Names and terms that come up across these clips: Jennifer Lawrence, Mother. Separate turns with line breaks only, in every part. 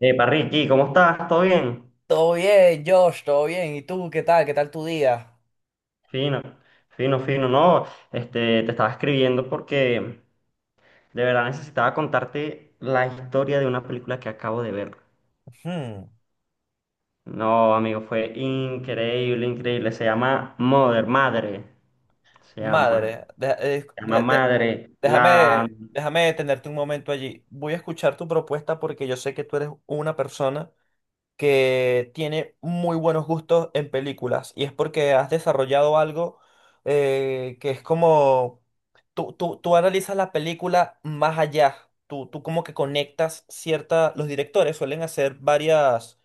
Epa, Ricky, ¿cómo estás? ¿Todo bien?
Todo bien, Josh, todo bien. ¿Y tú qué tal? ¿Qué tal tu día?
Fino, fino, fino. No, te estaba escribiendo porque de verdad necesitaba contarte la historia de una película que acabo de ver.
Ujú,
No, amigo, fue increíble, increíble. Se llama Mother, Madre. Se llama,
Madre,
se llama Madre.
déjame detenerte un momento allí. Voy a escuchar tu propuesta porque yo sé que tú eres una persona que tiene muy buenos gustos en películas y es porque has desarrollado algo que es como tú analizas la película más allá. Tú como que conectas cierta, los directores suelen hacer varias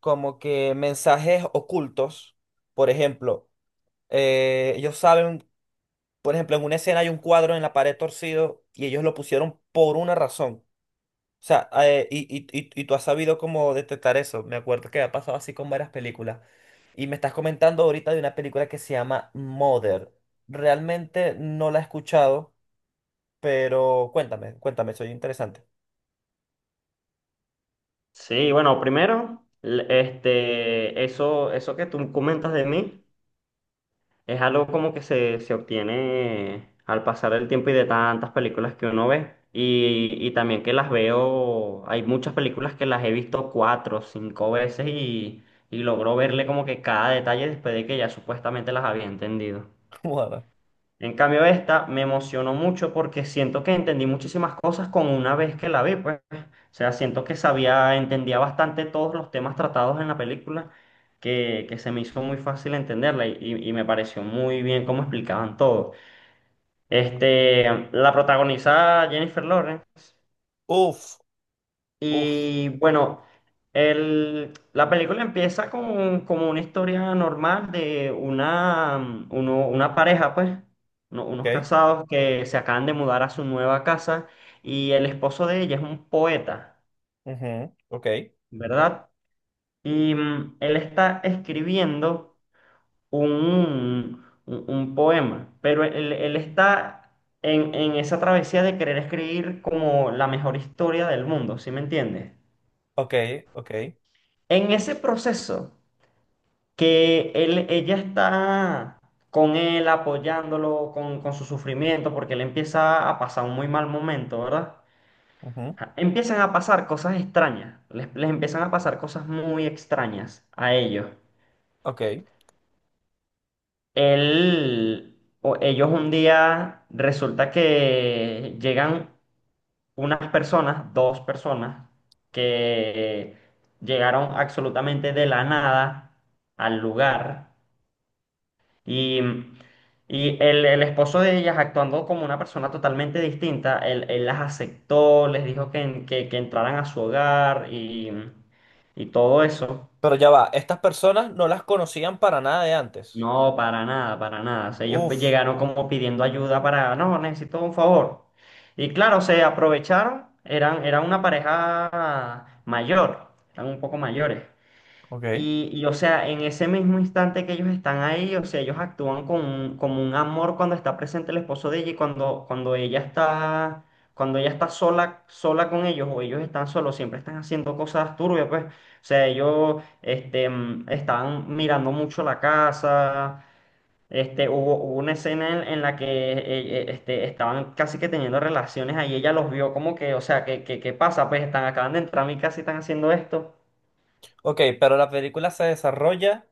como que mensajes ocultos. Por ejemplo, ellos saben, por ejemplo, en una escena hay un cuadro en la pared torcido y ellos lo pusieron por una razón. O sea, y tú has sabido cómo detectar eso. Me acuerdo que ha pasado así con varias películas. Y me estás comentando ahorita de una película que se llama Mother. Realmente no la he escuchado, pero cuéntame, soy interesante.
Sí, bueno, primero, eso que tú comentas de mí. Es algo como que se obtiene al pasar el tiempo y de tantas películas que uno ve. Y también que las veo, hay muchas películas que las he visto cuatro, cinco veces y logro verle como que cada detalle después de que ya supuestamente las había entendido.
Mother.
En cambio, esta me emocionó mucho porque siento que entendí muchísimas cosas con una vez que la vi, pues. O sea, siento que sabía, entendía bastante todos los temas tratados en la película, que se me hizo muy fácil entenderla y, y me pareció muy bien cómo explicaban todo. Este, la protagoniza Jennifer Lawrence.
Uf, uf,
Y bueno, la película empieza con, como una historia normal de una, una pareja, pues,
ok,
unos casados que se acaban de mudar a su nueva casa y el esposo de ella es un poeta,
ujú, ok,
¿verdad? Y él está escribiendo un, un poema, pero él está en esa travesía de querer escribir como la mejor historia del mundo, ¿sí me entiendes?
ok, ok.
En ese proceso que ella está con él apoyándolo con su sufrimiento, porque él empieza a pasar un muy mal momento, ¿verdad?
Ujú.
Ja, empiezan a pasar cosas extrañas, les empiezan a pasar cosas muy extrañas a ellos.
Ok.
Él, o ellos un día resulta que llegan unas personas, dos personas, que llegaron absolutamente de la nada al lugar. Y, y el esposo de ellas, actuando como una persona totalmente distinta, él las aceptó, les dijo que, que entraran a su hogar y todo eso.
Pero ya va, estas personas no las conocían para nada de antes.
No, para nada, para nada. O sea,
Uf,
llegaron como pidiendo ayuda para, no, necesito un favor. Y claro, se aprovecharon, eran, eran una pareja mayor, eran un poco mayores.
ok.
Y, o sea, en ese mismo instante que ellos están ahí, o sea, ellos actúan con, como un amor cuando está presente el esposo de ella y cuando, cuando ella está sola, sola con ellos o ellos están solos, siempre están haciendo cosas turbias, pues. O sea, ellos estaban mirando mucho la casa. Este, hubo, hubo una escena en la que estaban casi que teniendo relaciones ahí, ella los vio como que, o sea, ¿qué, qué, qué pasa? Pues están, acaban de entrar a mi casa y están haciendo esto.
Ok, pero la película se desarrolla,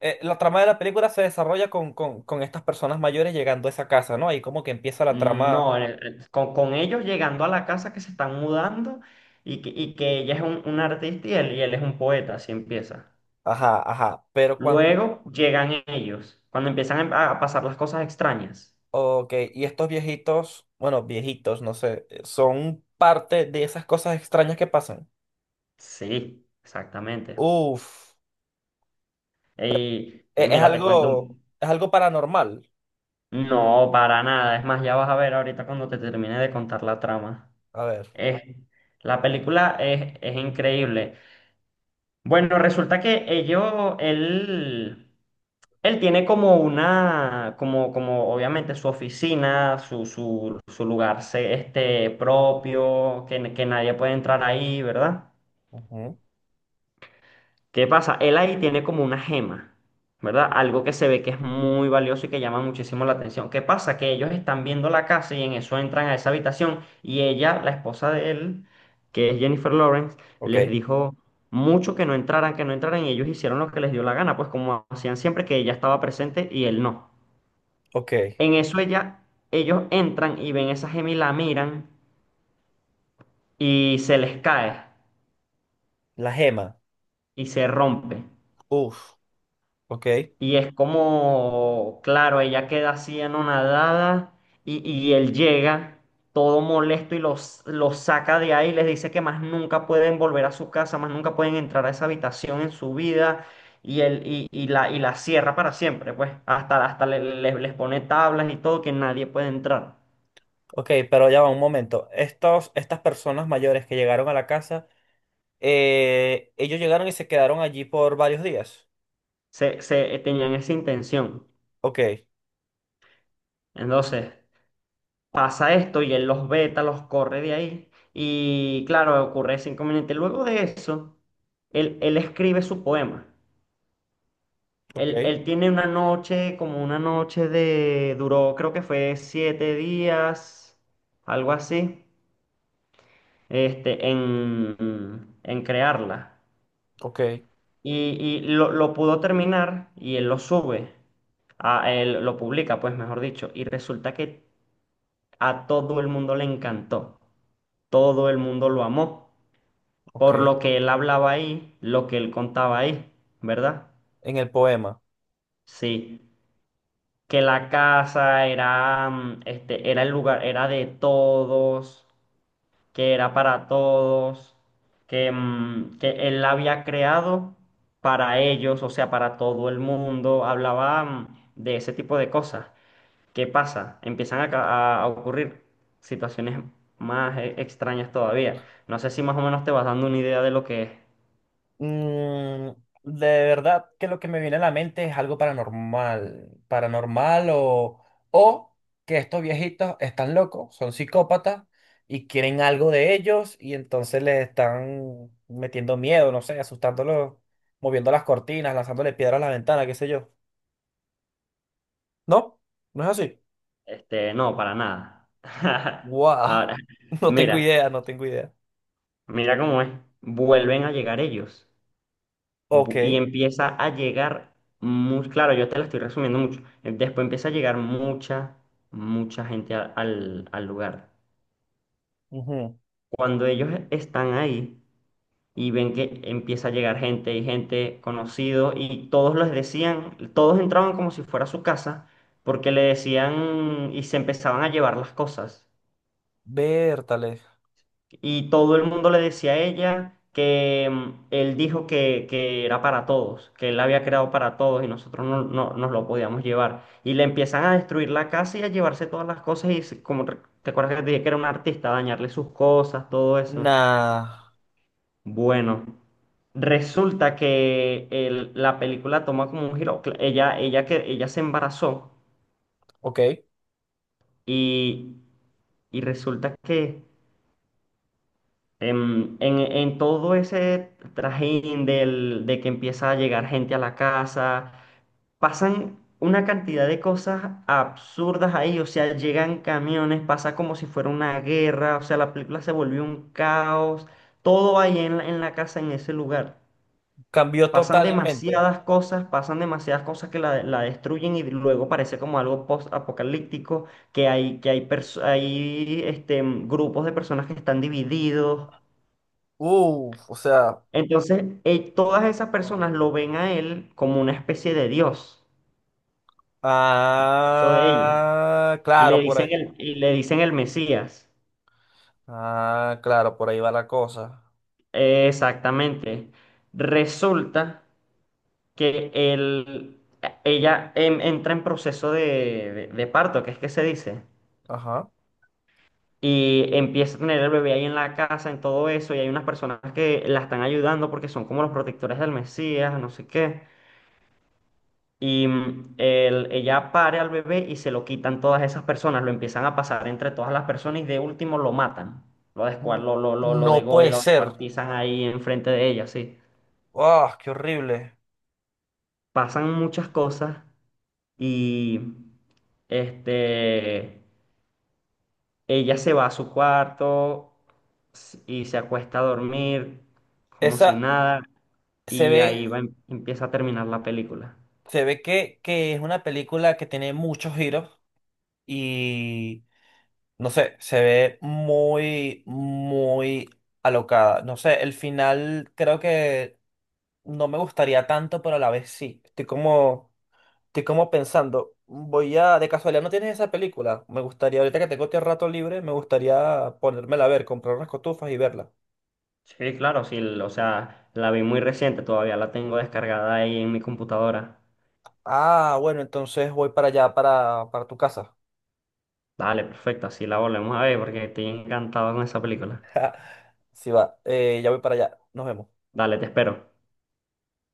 la trama de la película se desarrolla con estas personas mayores llegando a esa casa, ¿no? Ahí como que empieza la trama,
No, con ellos llegando a la casa que se están mudando y y que ella es un artista y él es un poeta, así empieza.
ajá, ajá, pero cuando,
Luego llegan ellos, cuando empiezan a pasar las cosas extrañas.
ok, y estos viejitos, bueno, viejitos, no sé, son parte de esas cosas extrañas que pasan.
Sí, exactamente.
Uf,
Y mira, te cuento un...
es algo paranormal.
No, para nada. Es más, ya vas a ver ahorita cuando te termine de contar la trama.
A ver,
Es, la película es increíble. Bueno, resulta que ellos, él... Él tiene como una, como, como obviamente su oficina, su lugar propio, que nadie puede entrar ahí, ¿verdad?
ujú,
¿Qué pasa? Él ahí tiene como una gema, ¿verdad? Algo que se ve que es muy valioso y que llama muchísimo la atención. ¿Qué pasa? Que ellos están viendo la casa y en eso entran a esa habitación y ella, la esposa de él, que es Jennifer Lawrence,
ok,
les dijo mucho que no entraran y ellos hicieron lo que les dio la gana, pues como hacían siempre que ella estaba presente y él no.
ok,
En eso ella, ellos entran y ven esa gema y la miran y se les cae
la gema,
y se rompe.
uf. Ok,
Y es como, claro, ella queda así anonadada y él llega todo molesto y los saca de ahí, les dice que más nunca pueden volver a su casa, más nunca pueden entrar a esa habitación en su vida y, él, y la cierra para siempre, pues hasta, hasta les pone tablas y todo que nadie puede entrar.
ok, pero ya va un momento. Estos, estas personas mayores que llegaron a la casa, ellos llegaron y se quedaron allí por varios días.
Tenían esa intención.
Ok,
Entonces... pasa esto y él los veta, los corre de ahí. Y claro, ocurre ese inconveniente. Luego de eso, él escribe su poema.
ok,
Él tiene una noche, como una noche de, duró, creo que fue siete días, algo así, en crearla.
ok,
Y, lo pudo terminar y él lo sube, a, él lo publica, pues mejor dicho. Y resulta que a todo el mundo le encantó, todo el mundo lo amó. Por
ok.
lo que él hablaba ahí, lo que él contaba ahí, ¿verdad?
En el poema.
Sí, que la casa era, era el lugar, era de todos, que era para todos, que, que él la había creado para ellos, o sea, para todo el mundo, hablaba, de ese tipo de cosas. ¿Qué pasa? Empiezan a, a ocurrir situaciones más extrañas todavía. No sé si más o menos te vas dando una idea de lo que es.
Mm, de verdad que lo que me viene a la mente es algo paranormal, paranormal o que estos viejitos están locos, son psicópatas y quieren algo de ellos y entonces les están metiendo miedo, no sé, asustándolos, moviendo las cortinas, lanzándole piedras a la ventana, qué sé yo. ¿No? ¿No es así?
Este, no, para nada.
Wow,
Ahora,
no tengo
mira,
idea, no tengo idea.
mira cómo es. Vuelven a llegar ellos.
Ok.
Y empieza a llegar muy, claro, yo te la estoy resumiendo mucho. Después empieza a llegar mucha, mucha gente al lugar.
Ujú.
Cuando ellos están ahí y ven que empieza a llegar gente y gente conocido y todos les decían, todos entraban como si fuera su casa porque le decían y se empezaban a llevar las cosas.
Bertale.
Y todo el mundo le decía a ella que él dijo que era para todos, que él la había creado para todos y nosotros no, nos lo podíamos llevar. Y le empiezan a destruir la casa y a llevarse todas las cosas te acuerdas que te dije que era un artista, dañarle sus cosas, todo eso.
Nah.
Bueno. Resulta que la película toma como un giro. Ella se embarazó
Ok.
y, y resulta que en todo ese trajín del, de que empieza a llegar gente a la casa, pasan una cantidad de cosas absurdas ahí, o sea, llegan camiones, pasa como si fuera una guerra, o sea, la película se volvió un caos, todo ahí en la casa, en ese lugar.
Cambió
Pasan wow,
totalmente.
demasiadas cosas, pasan demasiadas cosas que la destruyen y luego parece como algo post-apocalíptico, que hay, que hay grupos de personas que están divididos.
Uf, o sea.
Entonces, todas esas personas
Wow.
lo ven a él como una especie de Dios, eso de ella,
Ah,
y le
claro, por
dicen
ahí.
el Mesías.
Ah, claro, por ahí va la cosa.
Exactamente. Resulta que él, ella entra en proceso de, de parto, que es que se dice,
Ajá.
y empieza a tener el bebé ahí en la casa, en todo eso, y hay unas personas que la están ayudando porque son como los protectores del Mesías, no sé qué. Y ella pare al bebé y se lo quitan todas esas personas, lo empiezan a pasar entre todas las personas y de último lo matan. Lo descuar,
N-
lo
No puede
degollan, lo
ser.
descuartizan ahí enfrente de ella, sí.
Ah, qué horrible.
Pasan muchas cosas y este, ella se va a su cuarto y se acuesta a dormir como si
Esa
nada
se
y ahí
ve,
va, empieza a terminar la película.
se ve que es una película que tiene muchos giros y no sé, se ve muy, muy alocada. No sé, el final creo que no me gustaría tanto, pero a la vez sí. Estoy como. Estoy como pensando, voy a, de casualidad, ¿no tienes esa película? Me gustaría, ahorita que tengo este rato libre, me gustaría ponérmela a ver, comprar unas cotufas y verla.
Sí, claro, sí, o sea, la vi muy reciente, todavía la tengo descargada ahí en mi computadora.
Ah, bueno, entonces voy para allá, para tu casa.
Dale, perfecto, así la volvemos a ver porque estoy encantado con esa película.
Si va, ya voy para allá. Nos vemos.
Dale, te espero.